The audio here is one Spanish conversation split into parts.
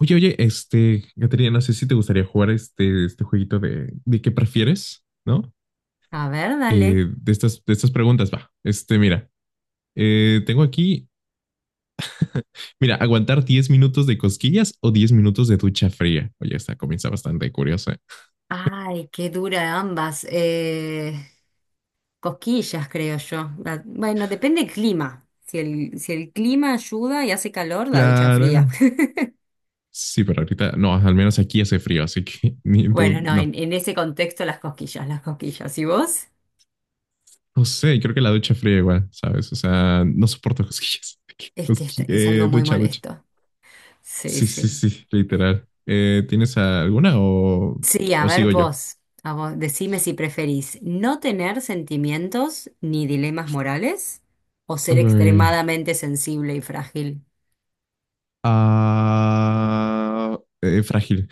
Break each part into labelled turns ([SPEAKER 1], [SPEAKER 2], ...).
[SPEAKER 1] Oye, oye, Caterina, no sé si te gustaría jugar este jueguito de qué prefieres, ¿no?
[SPEAKER 2] A ver, dale.
[SPEAKER 1] De estas preguntas, va. Mira, tengo aquí, mira, aguantar 10 minutos de cosquillas o 10 minutos de ducha fría. Oye, esta comienza bastante curiosa.
[SPEAKER 2] Ay, qué dura ambas. Cosquillas, creo yo. La- bueno, depende del clima. Si el clima ayuda y hace calor, la ducha
[SPEAKER 1] Claro.
[SPEAKER 2] fría.
[SPEAKER 1] Sí, pero ahorita, no, al menos aquí hace frío, así que ni tú,
[SPEAKER 2] Bueno, no,
[SPEAKER 1] no.
[SPEAKER 2] en ese contexto las cosquillas, las cosquillas. ¿Y vos?
[SPEAKER 1] No sé, creo que la ducha fría igual, ¿sabes? O sea, no soporto cosquillas.
[SPEAKER 2] Es que esta-
[SPEAKER 1] Cosqui-
[SPEAKER 2] es, algo
[SPEAKER 1] eh,
[SPEAKER 2] muy
[SPEAKER 1] ducha, ducha.
[SPEAKER 2] molesto. Sí,
[SPEAKER 1] Sí, sí,
[SPEAKER 2] sí.
[SPEAKER 1] sí, literal. ¿Tienes alguna o,
[SPEAKER 2] Sí, a
[SPEAKER 1] o
[SPEAKER 2] ver
[SPEAKER 1] sigo yo?
[SPEAKER 2] vos, a vos, decime si preferís no tener sentimientos ni dilemas morales o ser
[SPEAKER 1] Uy,
[SPEAKER 2] extremadamente sensible y frágil.
[SPEAKER 1] frágil.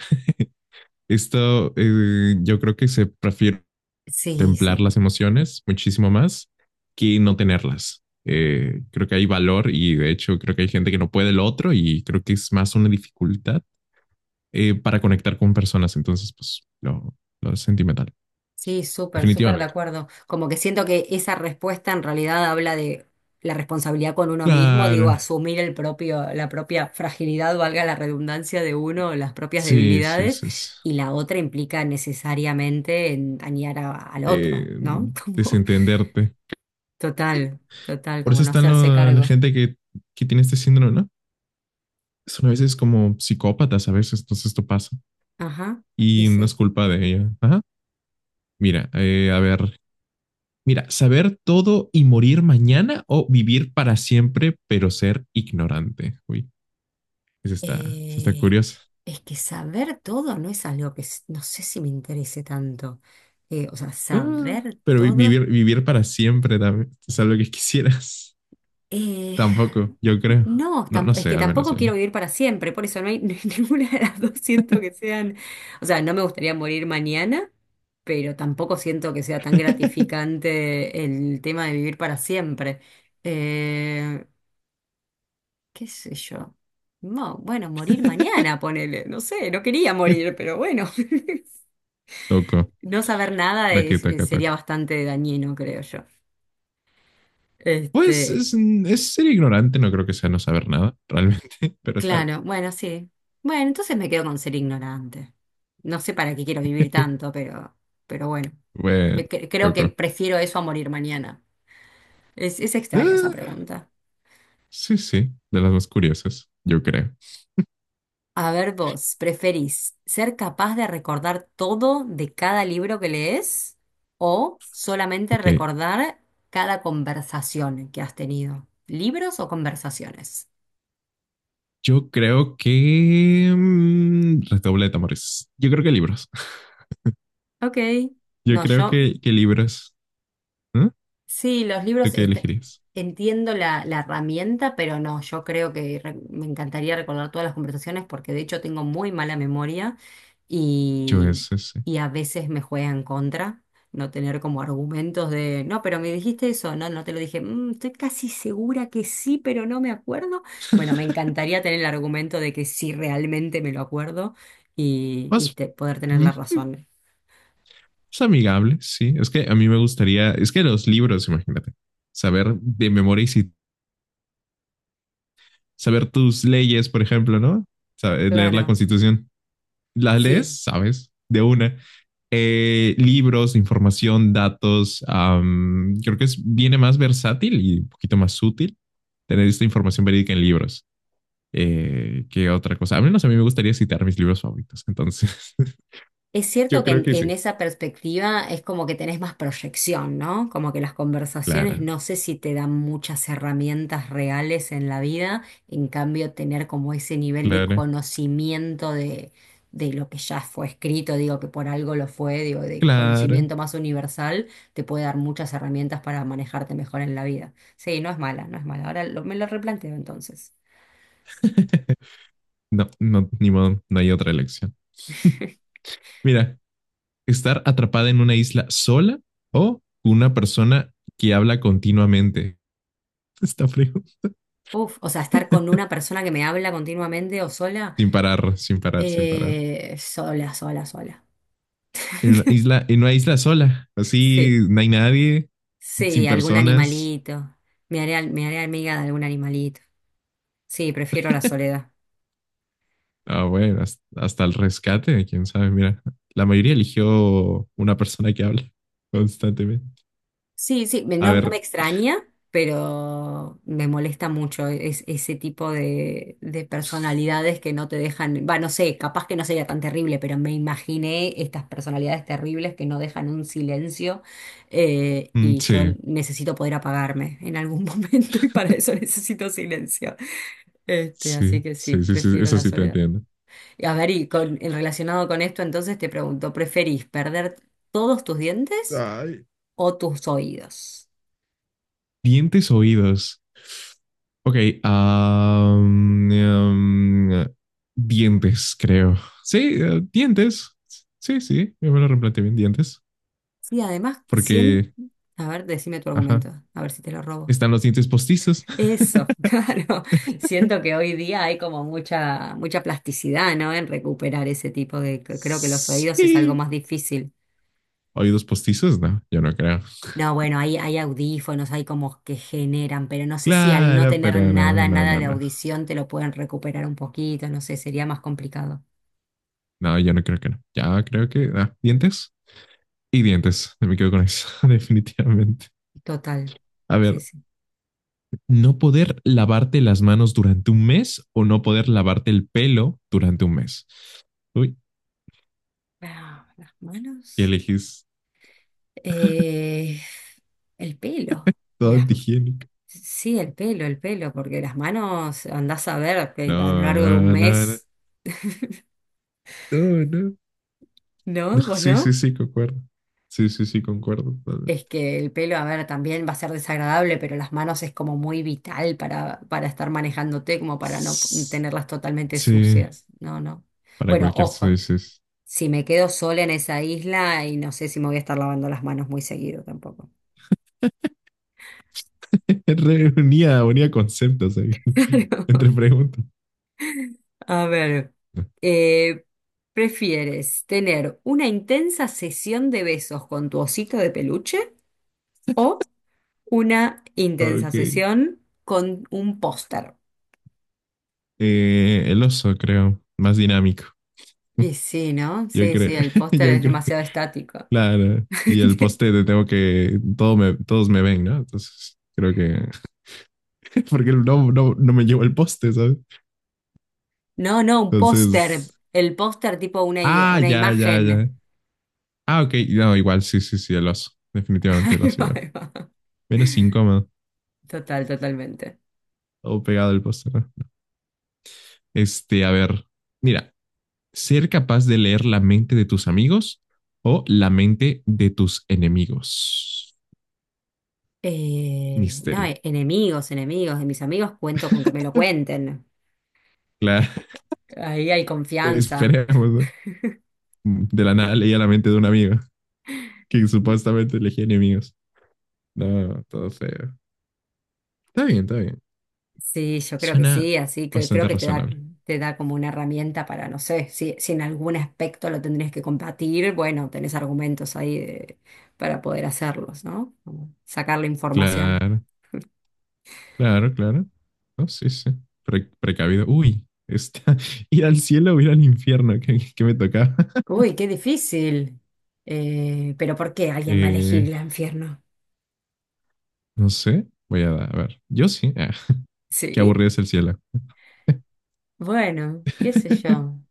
[SPEAKER 1] Esto Yo creo que se prefiere
[SPEAKER 2] Sí,
[SPEAKER 1] contemplar
[SPEAKER 2] sí.
[SPEAKER 1] las emociones muchísimo más que no tenerlas. Creo que hay valor y de hecho creo que hay gente que no puede lo otro y creo que es más una dificultad para conectar con personas. Entonces, pues lo sentimental.
[SPEAKER 2] Sí, súper, súper de
[SPEAKER 1] Definitivamente.
[SPEAKER 2] acuerdo. Como que siento que esa respuesta en realidad habla de la responsabilidad con uno mismo, digo,
[SPEAKER 1] Claro.
[SPEAKER 2] asumir el propio, la propia fragilidad, valga la redundancia de uno, las propias
[SPEAKER 1] Sí, sí,
[SPEAKER 2] debilidades,
[SPEAKER 1] sí, sí.
[SPEAKER 2] y la otra implica necesariamente en dañar a- al otro,
[SPEAKER 1] eh,
[SPEAKER 2] ¿no? Como,
[SPEAKER 1] Desentenderte.
[SPEAKER 2] total, total,
[SPEAKER 1] Por eso
[SPEAKER 2] como no
[SPEAKER 1] están
[SPEAKER 2] hacerse
[SPEAKER 1] la
[SPEAKER 2] cargo.
[SPEAKER 1] gente que tiene este síndrome, ¿no? Son a veces como psicópatas, a veces, entonces esto pasa.
[SPEAKER 2] Ajá, y
[SPEAKER 1] Y no es
[SPEAKER 2] sí.
[SPEAKER 1] culpa de ella. Ajá. Mira, a ver. Mira, saber todo y morir mañana o vivir para siempre, pero ser ignorante. Uy, esa está, esa está
[SPEAKER 2] Eh,
[SPEAKER 1] curiosa.
[SPEAKER 2] es que saber todo no es algo que s- no sé si me interese tanto. O sea,
[SPEAKER 1] Ah,
[SPEAKER 2] saber
[SPEAKER 1] pero vi-
[SPEAKER 2] todo.
[SPEAKER 1] vivir, vivir para siempre también es algo que quisieras.
[SPEAKER 2] Eh,
[SPEAKER 1] Tampoco, yo creo.
[SPEAKER 2] no,
[SPEAKER 1] No,
[SPEAKER 2] tam-
[SPEAKER 1] no
[SPEAKER 2] es
[SPEAKER 1] sé,
[SPEAKER 2] que
[SPEAKER 1] al menos
[SPEAKER 2] tampoco
[SPEAKER 1] yo no.
[SPEAKER 2] quiero vivir para siempre, por eso no hay, ninguna de las dos siento que sean, o sea, no me gustaría morir mañana, pero tampoco siento que sea tan gratificante el tema de vivir para siempre. Eh, ¿Qué sé yo? No, bueno, morir mañana, ponele, no sé, no quería morir, pero bueno,
[SPEAKER 1] Toco,
[SPEAKER 2] no saber nada
[SPEAKER 1] la que toca,
[SPEAKER 2] sería
[SPEAKER 1] toca.
[SPEAKER 2] bastante dañino, creo yo.
[SPEAKER 1] Pues
[SPEAKER 2] Este,
[SPEAKER 1] es ser ignorante, no creo que sea no saber nada, realmente, pero está
[SPEAKER 2] Claro, bueno, sí. Bueno, entonces me quedo con ser ignorante. No sé para qué quiero vivir
[SPEAKER 1] bien.
[SPEAKER 2] tanto, pero bueno,
[SPEAKER 1] Bueno,
[SPEAKER 2] Creo que
[SPEAKER 1] loco.
[SPEAKER 2] prefiero eso a morir mañana. Es extraña esa
[SPEAKER 1] Ah,
[SPEAKER 2] pregunta.
[SPEAKER 1] sí, sí, de las más curiosas, yo creo.
[SPEAKER 2] A ver, vos, ¿preferís ser capaz de recordar todo de cada libro que lees o solamente
[SPEAKER 1] Ok,
[SPEAKER 2] recordar cada conversación que has tenido? ¿Libros o conversaciones?
[SPEAKER 1] yo creo que redoble de tambores. Yo creo que libros.
[SPEAKER 2] Ok,
[SPEAKER 1] Yo
[SPEAKER 2] no,
[SPEAKER 1] creo
[SPEAKER 2] yo
[SPEAKER 1] que libros. ¿Eh?
[SPEAKER 2] sí, los
[SPEAKER 1] ¿Tú
[SPEAKER 2] libros,
[SPEAKER 1] qué
[SPEAKER 2] est-
[SPEAKER 1] elegirías?
[SPEAKER 2] entiendo la, la herramienta, pero no, yo creo que re- me encantaría recordar todas las conversaciones porque de hecho tengo muy mala memoria
[SPEAKER 1] Yo
[SPEAKER 2] y,
[SPEAKER 1] es ese.
[SPEAKER 2] y a veces me juega en contra no tener como argumentos de, no, pero me dijiste eso, no, no te lo dije, "Mm, estoy casi segura que sí, pero no me acuerdo". Bueno, me encantaría tener el argumento de que sí realmente me lo acuerdo y
[SPEAKER 1] Más,
[SPEAKER 2] te- poder tener
[SPEAKER 1] mm,
[SPEAKER 2] la razón.
[SPEAKER 1] más amigable, sí. Es que a mí me gustaría. Es que los libros, imagínate. Saber de memoria y saber tus leyes, por ejemplo, ¿no? Leer la
[SPEAKER 2] Claro,
[SPEAKER 1] constitución. Las
[SPEAKER 2] sí.
[SPEAKER 1] lees, sabes, de una. Libros, información, datos. Creo que viene más versátil y un poquito más útil tener esta información verídica en libros, que otra cosa. A menos a mí me gustaría citar mis libros favoritos. Entonces,
[SPEAKER 2] Es
[SPEAKER 1] yo
[SPEAKER 2] cierto que
[SPEAKER 1] creo
[SPEAKER 2] en,
[SPEAKER 1] que
[SPEAKER 2] en
[SPEAKER 1] sí.
[SPEAKER 2] esa perspectiva es como que tenés más proyección, ¿no? Como que las conversaciones
[SPEAKER 1] Claro,
[SPEAKER 2] no sé si te dan muchas herramientas reales en la vida, en cambio tener como ese nivel de
[SPEAKER 1] claro,
[SPEAKER 2] conocimiento de lo que ya fue escrito, digo que por algo lo fue, digo, de
[SPEAKER 1] claro.
[SPEAKER 2] conocimiento más universal, te puede dar muchas herramientas para manejarte mejor en la vida. Sí, no es mala, no es mala. Ahora lo- me lo replanteo entonces.
[SPEAKER 1] No, no, ni modo, no hay otra elección. Mira, estar atrapada en una isla sola o una persona que habla continuamente. Está frío.
[SPEAKER 2] Uf, o sea, estar con una persona que me habla continuamente o sola.
[SPEAKER 1] Sin parar, sin parar, sin parar.
[SPEAKER 2] Sola, sola, sola.
[SPEAKER 1] En una isla sola. Así
[SPEAKER 2] Sí.
[SPEAKER 1] no hay nadie, sin
[SPEAKER 2] Sí, algún
[SPEAKER 1] personas.
[SPEAKER 2] animalito. Me haré, al- me haré amiga de algún animalito. Sí, prefiero la soledad.
[SPEAKER 1] Ah, bueno, hasta el rescate, quién sabe. Mira, la mayoría eligió una persona que habla constantemente.
[SPEAKER 2] Sí, sí, me-
[SPEAKER 1] A
[SPEAKER 2] no, no me
[SPEAKER 1] ver,
[SPEAKER 2] extraña, pero me molesta mucho es- ese tipo de personalidades que no te dejan. Va, no sé, capaz que no sería tan terrible, pero me imaginé estas personalidades terribles que no dejan un silencio,
[SPEAKER 1] mm,
[SPEAKER 2] y yo
[SPEAKER 1] sí,
[SPEAKER 2] necesito poder apagarme en algún momento y para eso necesito silencio.
[SPEAKER 1] sí,
[SPEAKER 2] Así que sí,
[SPEAKER 1] sí, sí, sí,
[SPEAKER 2] prefiero
[SPEAKER 1] eso
[SPEAKER 2] la
[SPEAKER 1] sí te
[SPEAKER 2] soledad.
[SPEAKER 1] entiendo.
[SPEAKER 2] Y a ver, y con, y relacionado con esto, entonces te pregunto, ¿preferís perder todos tus dientes
[SPEAKER 1] Ay.
[SPEAKER 2] o tus oídos?
[SPEAKER 1] Dientes, oídos. Ok, ah, mm, mm, dientes, creo. Sí, dientes. Sí, sí, yo me lo replanteé bien, dientes.
[SPEAKER 2] Sí, además, 100...
[SPEAKER 1] Porque,
[SPEAKER 2] A ver, decime tu
[SPEAKER 1] ajá,
[SPEAKER 2] argumento, a ver si te lo robo.
[SPEAKER 1] están los dientes postizos.
[SPEAKER 2] Eso, claro. Siento que hoy día hay como mucha, mucha plasticidad, ¿no? En recuperar ese tipo de... Creo que los oídos es algo
[SPEAKER 1] Sí.
[SPEAKER 2] más difícil.
[SPEAKER 1] ¿Oídos postizos? No, yo no creo.
[SPEAKER 2] No, bueno, hay audífonos, hay como que generan, pero no sé si al no
[SPEAKER 1] Claro,
[SPEAKER 2] tener
[SPEAKER 1] pero no,
[SPEAKER 2] nada,
[SPEAKER 1] no,
[SPEAKER 2] nada
[SPEAKER 1] no,
[SPEAKER 2] de
[SPEAKER 1] no.
[SPEAKER 2] audición te lo pueden recuperar un poquito, no sé, sería más complicado.
[SPEAKER 1] No, yo no creo que no. Ya creo que, dientes y dientes. No. Me quedo con eso, definitivamente.
[SPEAKER 2] Total.
[SPEAKER 1] A
[SPEAKER 2] Sí,
[SPEAKER 1] ver,
[SPEAKER 2] sí.
[SPEAKER 1] no poder lavarte las manos durante un mes o no poder lavarte el pelo durante un mes. Uy,
[SPEAKER 2] Ah, las
[SPEAKER 1] ¿qué
[SPEAKER 2] manos.
[SPEAKER 1] elegís?
[SPEAKER 2] Eh, el pelo.
[SPEAKER 1] Todo
[SPEAKER 2] Las-
[SPEAKER 1] antihigiénico.
[SPEAKER 2] sí, el pelo, porque las manos andás a ver que a lo
[SPEAKER 1] No,
[SPEAKER 2] largo de un
[SPEAKER 1] no, no, no,
[SPEAKER 2] mes,
[SPEAKER 1] no, no. No,
[SPEAKER 2] ¿no? ¿Vos
[SPEAKER 1] sí, sí,
[SPEAKER 2] no?
[SPEAKER 1] sí, concuerdo. Sí, sí, sí, concuerdo.
[SPEAKER 2] Es que el pelo, a ver, también va a ser desagradable, pero las manos es como muy vital para estar manejándote, como para no p-
[SPEAKER 1] Sí,
[SPEAKER 2] tenerlas totalmente sucias. No, no.
[SPEAKER 1] para
[SPEAKER 2] Bueno,
[SPEAKER 1] cualquier
[SPEAKER 2] ojo,
[SPEAKER 1] dices.
[SPEAKER 2] si me quedo sola en esa isla y no sé si me voy a estar lavando las manos muy seguido tampoco.
[SPEAKER 1] Unía conceptos ahí, entre preguntas.
[SPEAKER 2] A ver, eh, ¿prefieres tener una intensa sesión de besos con tu osito de peluche o una intensa
[SPEAKER 1] Ok.
[SPEAKER 2] sesión con un póster?
[SPEAKER 1] El oso, creo, más dinámico.
[SPEAKER 2] Y sí, ¿no?
[SPEAKER 1] Yo
[SPEAKER 2] Sí,
[SPEAKER 1] creo,
[SPEAKER 2] sí, el póster
[SPEAKER 1] yo
[SPEAKER 2] es
[SPEAKER 1] creo,
[SPEAKER 2] demasiado estático.
[SPEAKER 1] claro. Y el poste de tengo que, todos me ven, ¿no? Entonces, creo que, porque no me llevo el poste, ¿sabes?
[SPEAKER 2] No, no, un póster.
[SPEAKER 1] Entonces,
[SPEAKER 2] El póster tipo una, i- una
[SPEAKER 1] ya, ya, ya.
[SPEAKER 2] imagen.
[SPEAKER 1] Ah, ok, no, igual, sí, sí, sí, el oso. Definitivamente el
[SPEAKER 2] Ahí
[SPEAKER 1] oso
[SPEAKER 2] va,
[SPEAKER 1] igual.
[SPEAKER 2] ahí va.
[SPEAKER 1] Menos incómodo,
[SPEAKER 2] Total, totalmente.
[SPEAKER 1] todo pegado al poste, ¿no? A ver, mira, ser capaz de leer la mente de tus amigos o la mente de tus enemigos.
[SPEAKER 2] No,
[SPEAKER 1] Misterio.
[SPEAKER 2] e- enemigos, enemigos. De mis amigos cuento con que me lo cuenten.
[SPEAKER 1] Claro,
[SPEAKER 2] Ahí hay confianza.
[SPEAKER 1] esperemos, ¿no? De la nada leía la mente de un amigo que supuestamente elegía enemigos. No, todo feo. Está bien, está bien.
[SPEAKER 2] Sí, yo creo que
[SPEAKER 1] Suena
[SPEAKER 2] sí, así que creo
[SPEAKER 1] bastante
[SPEAKER 2] que
[SPEAKER 1] razonable.
[SPEAKER 2] te da como una herramienta para, no sé, si, si en algún aspecto lo tendrías que combatir, bueno, tenés argumentos ahí de- para poder hacerlos, ¿no? Como sacar la información.
[SPEAKER 1] Claro, claro, claro. No, sí, sí. Precavido. Uy, está. Ir al cielo o ir al infierno, que, me tocaba.
[SPEAKER 2] Uy, qué difícil. Pero ¿por qué alguien va a elegir
[SPEAKER 1] Eh,
[SPEAKER 2] el infierno?
[SPEAKER 1] No sé, voy a ver. Yo sí. Ah, qué
[SPEAKER 2] Sí,
[SPEAKER 1] aburrido es el cielo.
[SPEAKER 2] bueno, qué sé yo.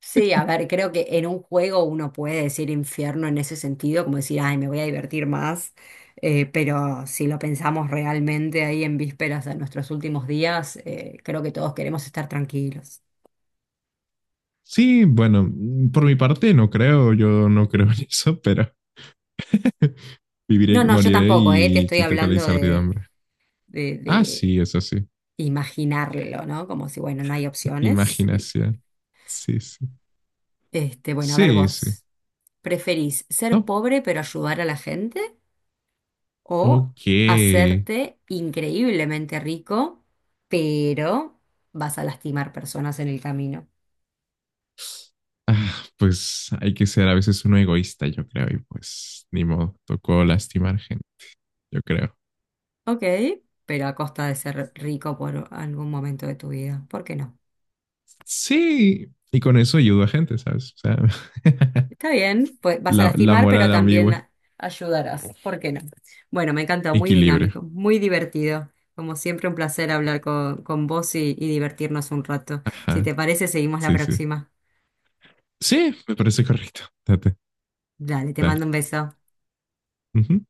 [SPEAKER 2] Sí, a ver, creo que en un juego uno puede decir infierno en ese sentido, como decir, ay, me voy a divertir más, pero si lo pensamos realmente ahí en vísperas a nuestros últimos días, creo que todos queremos estar tranquilos.
[SPEAKER 1] Sí, bueno, por mi parte no creo, yo no creo en eso, pero
[SPEAKER 2] No,
[SPEAKER 1] viviré,
[SPEAKER 2] no, yo
[SPEAKER 1] moriré
[SPEAKER 2] tampoco, te
[SPEAKER 1] y
[SPEAKER 2] estoy
[SPEAKER 1] existiré con la
[SPEAKER 2] hablando
[SPEAKER 1] incertidumbre. Ah,
[SPEAKER 2] de
[SPEAKER 1] sí, eso sí.
[SPEAKER 2] imaginarlo, ¿no? Como si, bueno, no hay opciones. Y-
[SPEAKER 1] Imaginación. Sí, sí.
[SPEAKER 2] Bueno, a ver
[SPEAKER 1] Sí, sí.
[SPEAKER 2] vos, ¿preferís ser
[SPEAKER 1] No.
[SPEAKER 2] pobre pero ayudar a la gente? O
[SPEAKER 1] Ok.
[SPEAKER 2] hacerte increíblemente rico, pero vas a lastimar personas en el camino.
[SPEAKER 1] Ah, pues hay que ser a veces uno egoísta, yo creo, y pues ni modo, tocó lastimar gente, yo creo.
[SPEAKER 2] Ok, pero a costa de ser rico por algún momento de tu vida. ¿Por qué no?
[SPEAKER 1] Sí, y con eso ayudo a gente, ¿sabes? O sea,
[SPEAKER 2] Está bien, pues vas a
[SPEAKER 1] la
[SPEAKER 2] lastimar, pero
[SPEAKER 1] moral
[SPEAKER 2] también
[SPEAKER 1] ambigua.
[SPEAKER 2] ayudarás. ¿Por qué no? Bueno, me encanta, muy
[SPEAKER 1] Equilibrio.
[SPEAKER 2] dinámico, muy divertido. Como siempre, un placer hablar con vos y divertirnos un rato. Si
[SPEAKER 1] Ajá.
[SPEAKER 2] te parece, seguimos la
[SPEAKER 1] Sí, sí.
[SPEAKER 2] próxima.
[SPEAKER 1] Sí, me parece correcto.
[SPEAKER 2] Dale, te
[SPEAKER 1] Dale.
[SPEAKER 2] mando un beso.
[SPEAKER 1] Ujú.